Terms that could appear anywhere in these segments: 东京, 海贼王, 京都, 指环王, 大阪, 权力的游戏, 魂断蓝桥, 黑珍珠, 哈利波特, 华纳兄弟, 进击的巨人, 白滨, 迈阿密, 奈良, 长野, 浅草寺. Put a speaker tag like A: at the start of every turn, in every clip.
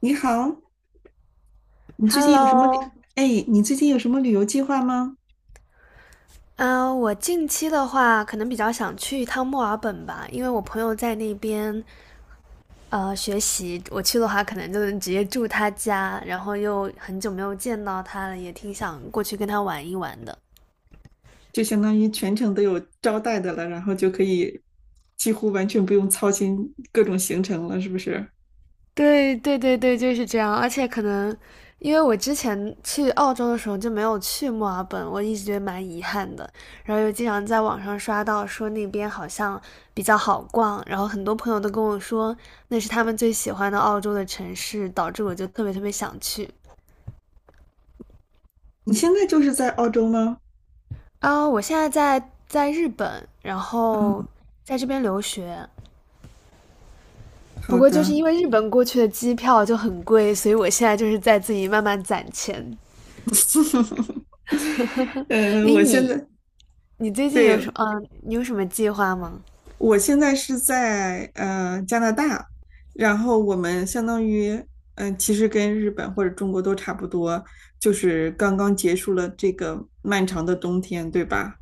A: 你好，你最近有什么旅？
B: Hello，
A: 哎，你最近有什么旅游计划吗？
B: 啊，我近期的话，可能比较想去一趟墨尔本吧，因为我朋友在那边学习，我去的话可能就是直接住他家，然后又很久没有见到他了，也挺想过去跟他玩一玩的。
A: 就相当于全程都有招待的了，然后就可以几乎完全不用操心各种行程了，是不是？
B: 对对对对，就是这样。而且可能因为我之前去澳洲的时候就没有去墨尔本，我一直觉得蛮遗憾的。然后又经常在网上刷到说那边好像比较好逛，然后很多朋友都跟我说那是他们最喜欢的澳洲的城市，导致我就特别特别想去。
A: 你现在就是在澳洲吗？
B: 啊，我现在在日本，然后在这边留学。不
A: 好
B: 过就是
A: 的。
B: 因为日本过去的机票就很贵，所以我现在就是在自己慢慢攒钱。
A: 呃，
B: 诶，
A: 我现
B: 你
A: 在
B: 你最近有
A: 对，
B: 什么？嗯、你有什么计划吗？
A: 我现在是在加拿大，然后我们相当于其实跟日本或者中国都差不多，就是刚刚结束了这个漫长的冬天，对吧？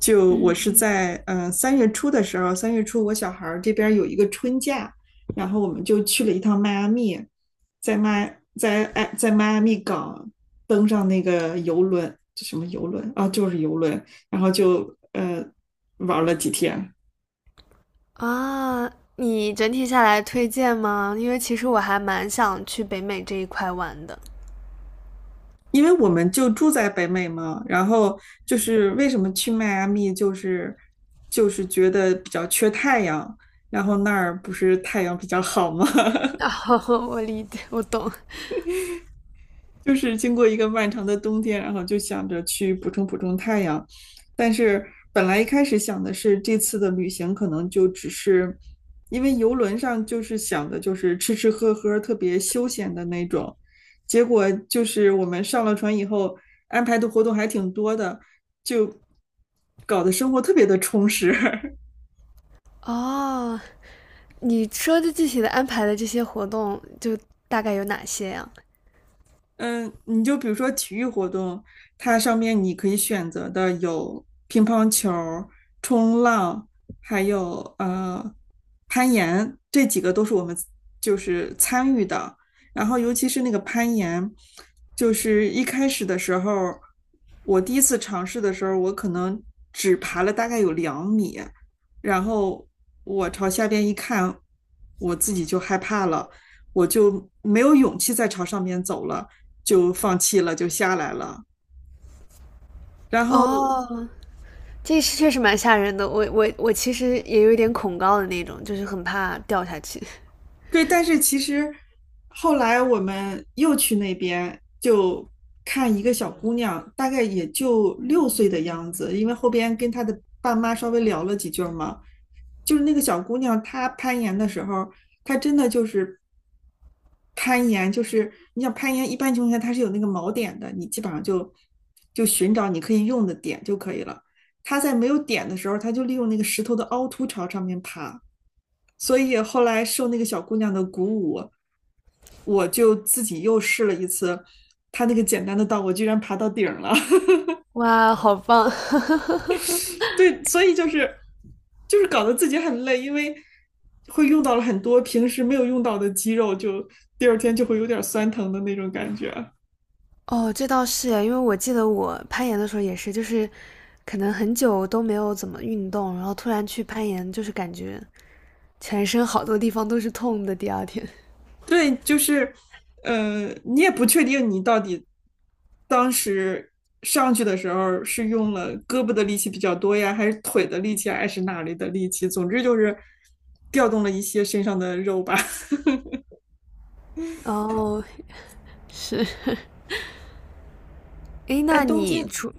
A: 就我是在三月初的时候，三月初我小孩儿这边儿有一个春假，然后我们就去了一趟迈阿密，在迈阿密港登上那个游轮，这什么游轮啊，就是游轮，然后就玩儿了几天。
B: 啊，你整体下来推荐吗？因为其实我还蛮想去北美这一块玩的。
A: 因为我们就住在北美嘛，然后就是为什么去迈阿密，就是觉得比较缺太阳，然后那儿不是太阳比较好吗？
B: 啊，我理解，我懂。
A: 就是经过一个漫长的冬天，然后就想着去补充补充太阳，但是本来一开始想的是这次的旅行可能就只是，因为游轮上就是想的就是吃吃喝喝，特别休闲的那种，结果就是我们上了船以后，安排的活动还挺多的，就搞得生活特别的充实。
B: 哦，你说的具体的安排的这些活动，就大概有哪些呀？
A: 嗯，你就比如说体育活动，它上面你可以选择的有乒乓球儿冲浪，还有攀岩，这几个都是我们就是参与的。然后尤其是那个攀岩，就是一开始的时候，我第一次尝试的时候，我可能只爬了大概有2米，然后我朝下边一看，我自己就害怕了，我就没有勇气再朝上面走了。就放弃了，就下来了。然后
B: 哦，这是确实蛮吓人的。我其实也有一点恐高的那种，就是很怕掉下去。
A: 对，但是其实后来我们又去那边就看一个小姑娘，大概也就6岁的样子，因为后边跟她的爸妈稍微聊了几句儿嘛，就是那个小姑娘她攀岩的时候，她真的就是攀岩，就是你想攀岩，一般情况下它是有那个锚点的，你基本上就寻找你可以用的点就可以了。她在没有点的时候，她就利用那个石头的凹凸朝上面爬。所以后来受那个小姑娘的鼓舞，我就自己又试了一次，她那个简单的道，我居然爬到顶了
B: 哇，好棒！
A: 对，所以就是搞得自己很累，因为会用到了很多平时没有用到的肌肉，就第二天就会有点酸疼的那种感觉。
B: 哦，这倒是诶，因为我记得我攀岩的时候也是，就是可能很久都没有怎么运动，然后突然去攀岩，就是感觉全身好多地方都是痛的。第二天，
A: 对，就是，你也不确定你到底当时上去的时候是用了胳膊的力气比较多呀，还是腿的力气，还是哪里的力气？总之就是调动了一些身上的肉吧。
B: 哦，是，诶，
A: 在
B: 那
A: 东
B: 你
A: 京
B: 除，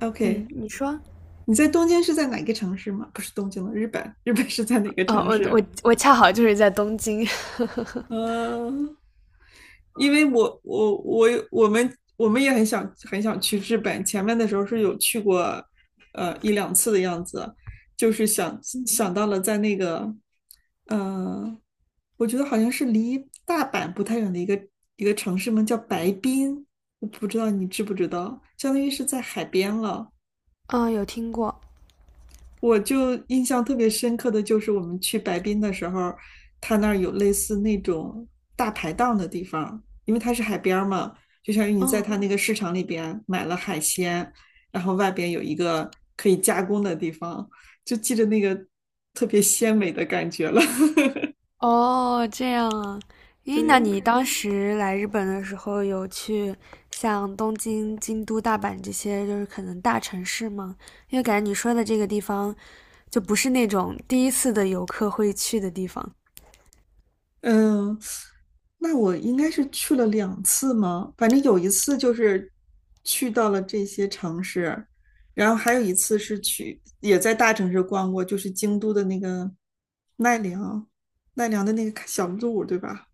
A: OK。
B: 嗯，你说，
A: 你在东京是在哪个城市吗？不是东京了，日本，日本是在哪个
B: 哦，
A: 城
B: 我我
A: 市？
B: 我恰好就是在东京，
A: 嗯，因为我们也很想很想去日本，前面的时候是有去过，一两次的样子，就是想到了在那个，呃，我觉得好像是离大阪不太远的一个城市嘛，叫白滨，我不知道你知不知道，相当于是在海边了。
B: 嗯，有听过，
A: 我就印象特别深刻的就是我们去白滨的时候，他那儿有类似那种大排档的地方，因为它是海边儿嘛，就相当于你在
B: 哦
A: 它那个市场里边买了海鲜，然后外边有一个可以加工的地方，就记着那个特别鲜美的感觉了。
B: 哦，这样啊。咦，那
A: 对，
B: 你当时来日本的时候，有去像东京、京都、大阪这些，就是可能大城市吗？因为感觉你说的这个地方，就不是那种第一次的游客会去的地方。
A: 嗯，那我应该是去了两次吗？反正有一次就是去到了这些城市，然后还有一次是去也在大城市逛过，就是京都的那个奈良，奈良的那个小路，对吧？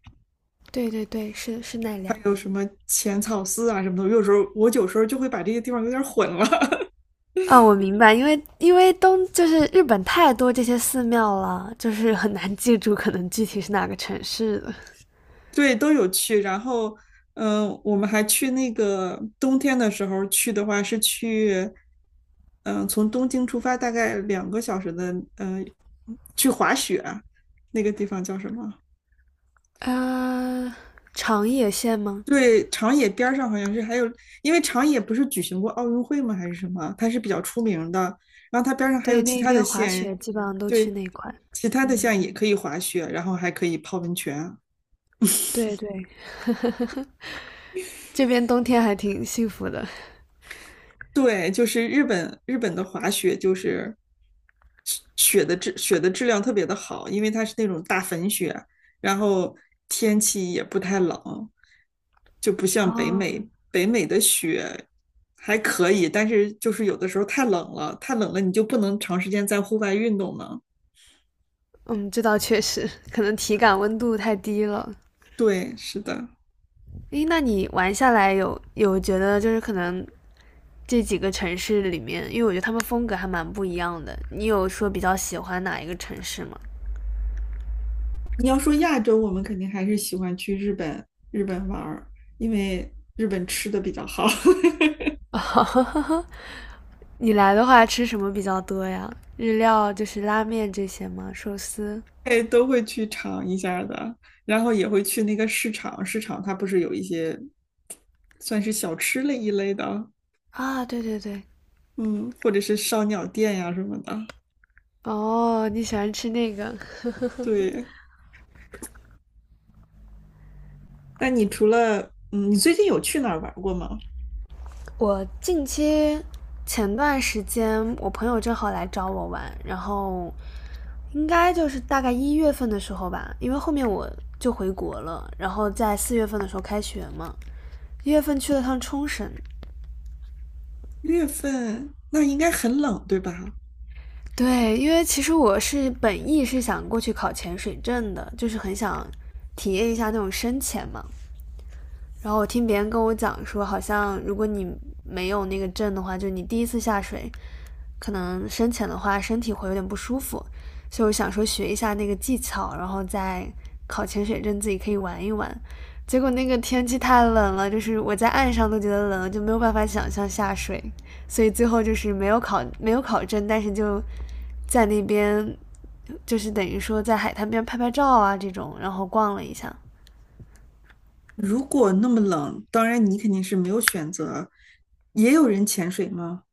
B: 对对对，是奈
A: 还
B: 良。
A: 有什么浅草寺啊什么的。有时候就会把这些地方有点混了。
B: 啊，我明白，因为因为东就是日本太多这些寺庙了，就是很难记住可能具体是哪个城市的。
A: 对，都有去。然后，我们还去那个冬天的时候去的话，是去，从东京出发大概2个小时的，去滑雪，那个地方叫什么？
B: 呃，长野县吗？
A: 对，长野边儿上好像是还有，因为长野不是举行过奥运会吗？还是什么？它是比较出名的。然后它边儿上还有
B: 对，
A: 其
B: 那
A: 他的
B: 边滑
A: 县，
B: 雪基本上都去
A: 对，
B: 那块。
A: 其他的
B: 嗯，
A: 县也可以滑雪，然后还可以泡温泉。
B: 对对，这边冬天还挺幸福的。
A: 对，就是日本的滑雪就是雪雪的质量特别的好，因为它是那种大粉雪，然后天气也不太冷，就不像北
B: 哦，
A: 美北美的雪还可以，但是就是有的时候太冷了，太冷了你就不能长时间在户外运动了。
B: 嗯，这倒确实，可能体感温度太低了。
A: 对，是的。
B: 诶，那你玩下来有觉得就是可能这几个城市里面，因为我觉得他们风格还蛮不一样的，你有说比较喜欢哪一个城市吗？
A: 你要说亚洲，我们肯定还是喜欢去日本玩儿，因为日本吃的比较好。
B: 你来的话吃什么比较多呀？日料就是拉面这些吗？寿司？
A: 哎，都会去尝一下的，然后也会去那个市场，市场它不是有一些算是小吃类一类的，
B: 啊，对对对，
A: 嗯，或者是烧鸟店呀什么的。
B: 哦，你喜欢吃那个？
A: 对，那你除了嗯，你最近有去哪儿玩儿过吗？
B: 我近期前段时间，我朋友正好来找我玩，然后应该就是大概一月份的时候吧，因为后面我就回国了，然后在4月份的时候开学嘛，一月份去了趟冲绳。
A: 月份那应该很冷，对吧？
B: 对，因为其实我是本意是想过去考潜水证的，就是很想体验一下那种深潜嘛。然后我听别人跟我讲说，好像如果你没有那个证的话，就你第一次下水，可能深潜的话身体会有点不舒服，所以我想说学一下那个技巧，然后再考潜水证自己可以玩一玩。结果那个天气太冷了，就是我在岸上都觉得冷，就没有办法想象下水，所以最后就是没有考证，但是就在那边就是等于说在海滩边拍拍照啊这种，然后逛了一下。
A: 如果那么冷，当然你肯定是没有选择。也有人潜水吗？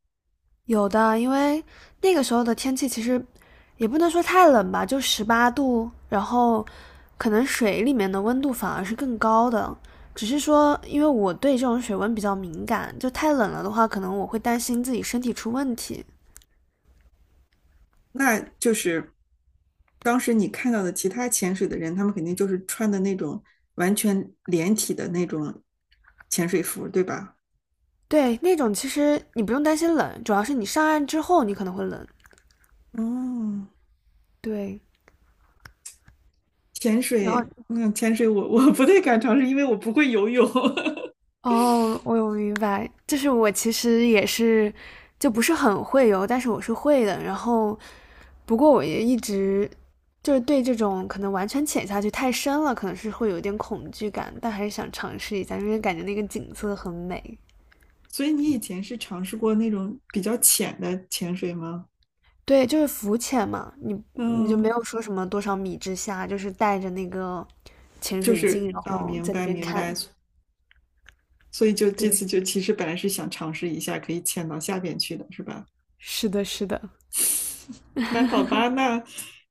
B: 有的，因为那个时候的天气其实也不能说太冷吧，就18度，然后可能水里面的温度反而是更高的。只是说，因为我对这种水温比较敏感，就太冷了的话，可能我会担心自己身体出问题。
A: 那就是当时你看到的其他潜水的人，他们肯定就是穿的那种完全连体的那种潜水服，对吧？
B: 对，那种其实你不用担心冷，主要是你上岸之后你可能会冷。
A: 哦，
B: 对，
A: 潜
B: 然后
A: 水，嗯，潜水我 我不太敢尝试，因为我不会游泳。
B: 哦，我有明白，就是我其实也是，就不是很会游，但是我是会的。然后，不过我也一直就是对这种可能完全潜下去太深了，可能是会有一点恐惧感，但还是想尝试一下，因为感觉那个景色很美。
A: 所以你以前是尝试过那种比较浅的潜水吗？
B: 对，就是浮潜嘛，你就没
A: 嗯，
B: 有说什么多少米之下，就是带着那个潜
A: 就
B: 水
A: 是
B: 镜，然
A: 啊，
B: 后
A: 明
B: 在那
A: 白
B: 边
A: 明白。
B: 看。
A: 所以就这次
B: 对，
A: 就其实本来是想尝试一下可以潜到下边去的，是吧？
B: 是的，是的，
A: 那好吧，那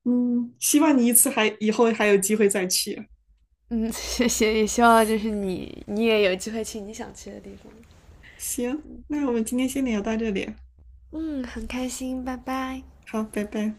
A: 希望你一次还以后还有机会再去。
B: 嗯，谢谢，也希望就是你你也有机会去你想去的地方。
A: 行，那我们今天先聊到这里，
B: 嗯，很开心，拜拜。
A: 好，拜拜。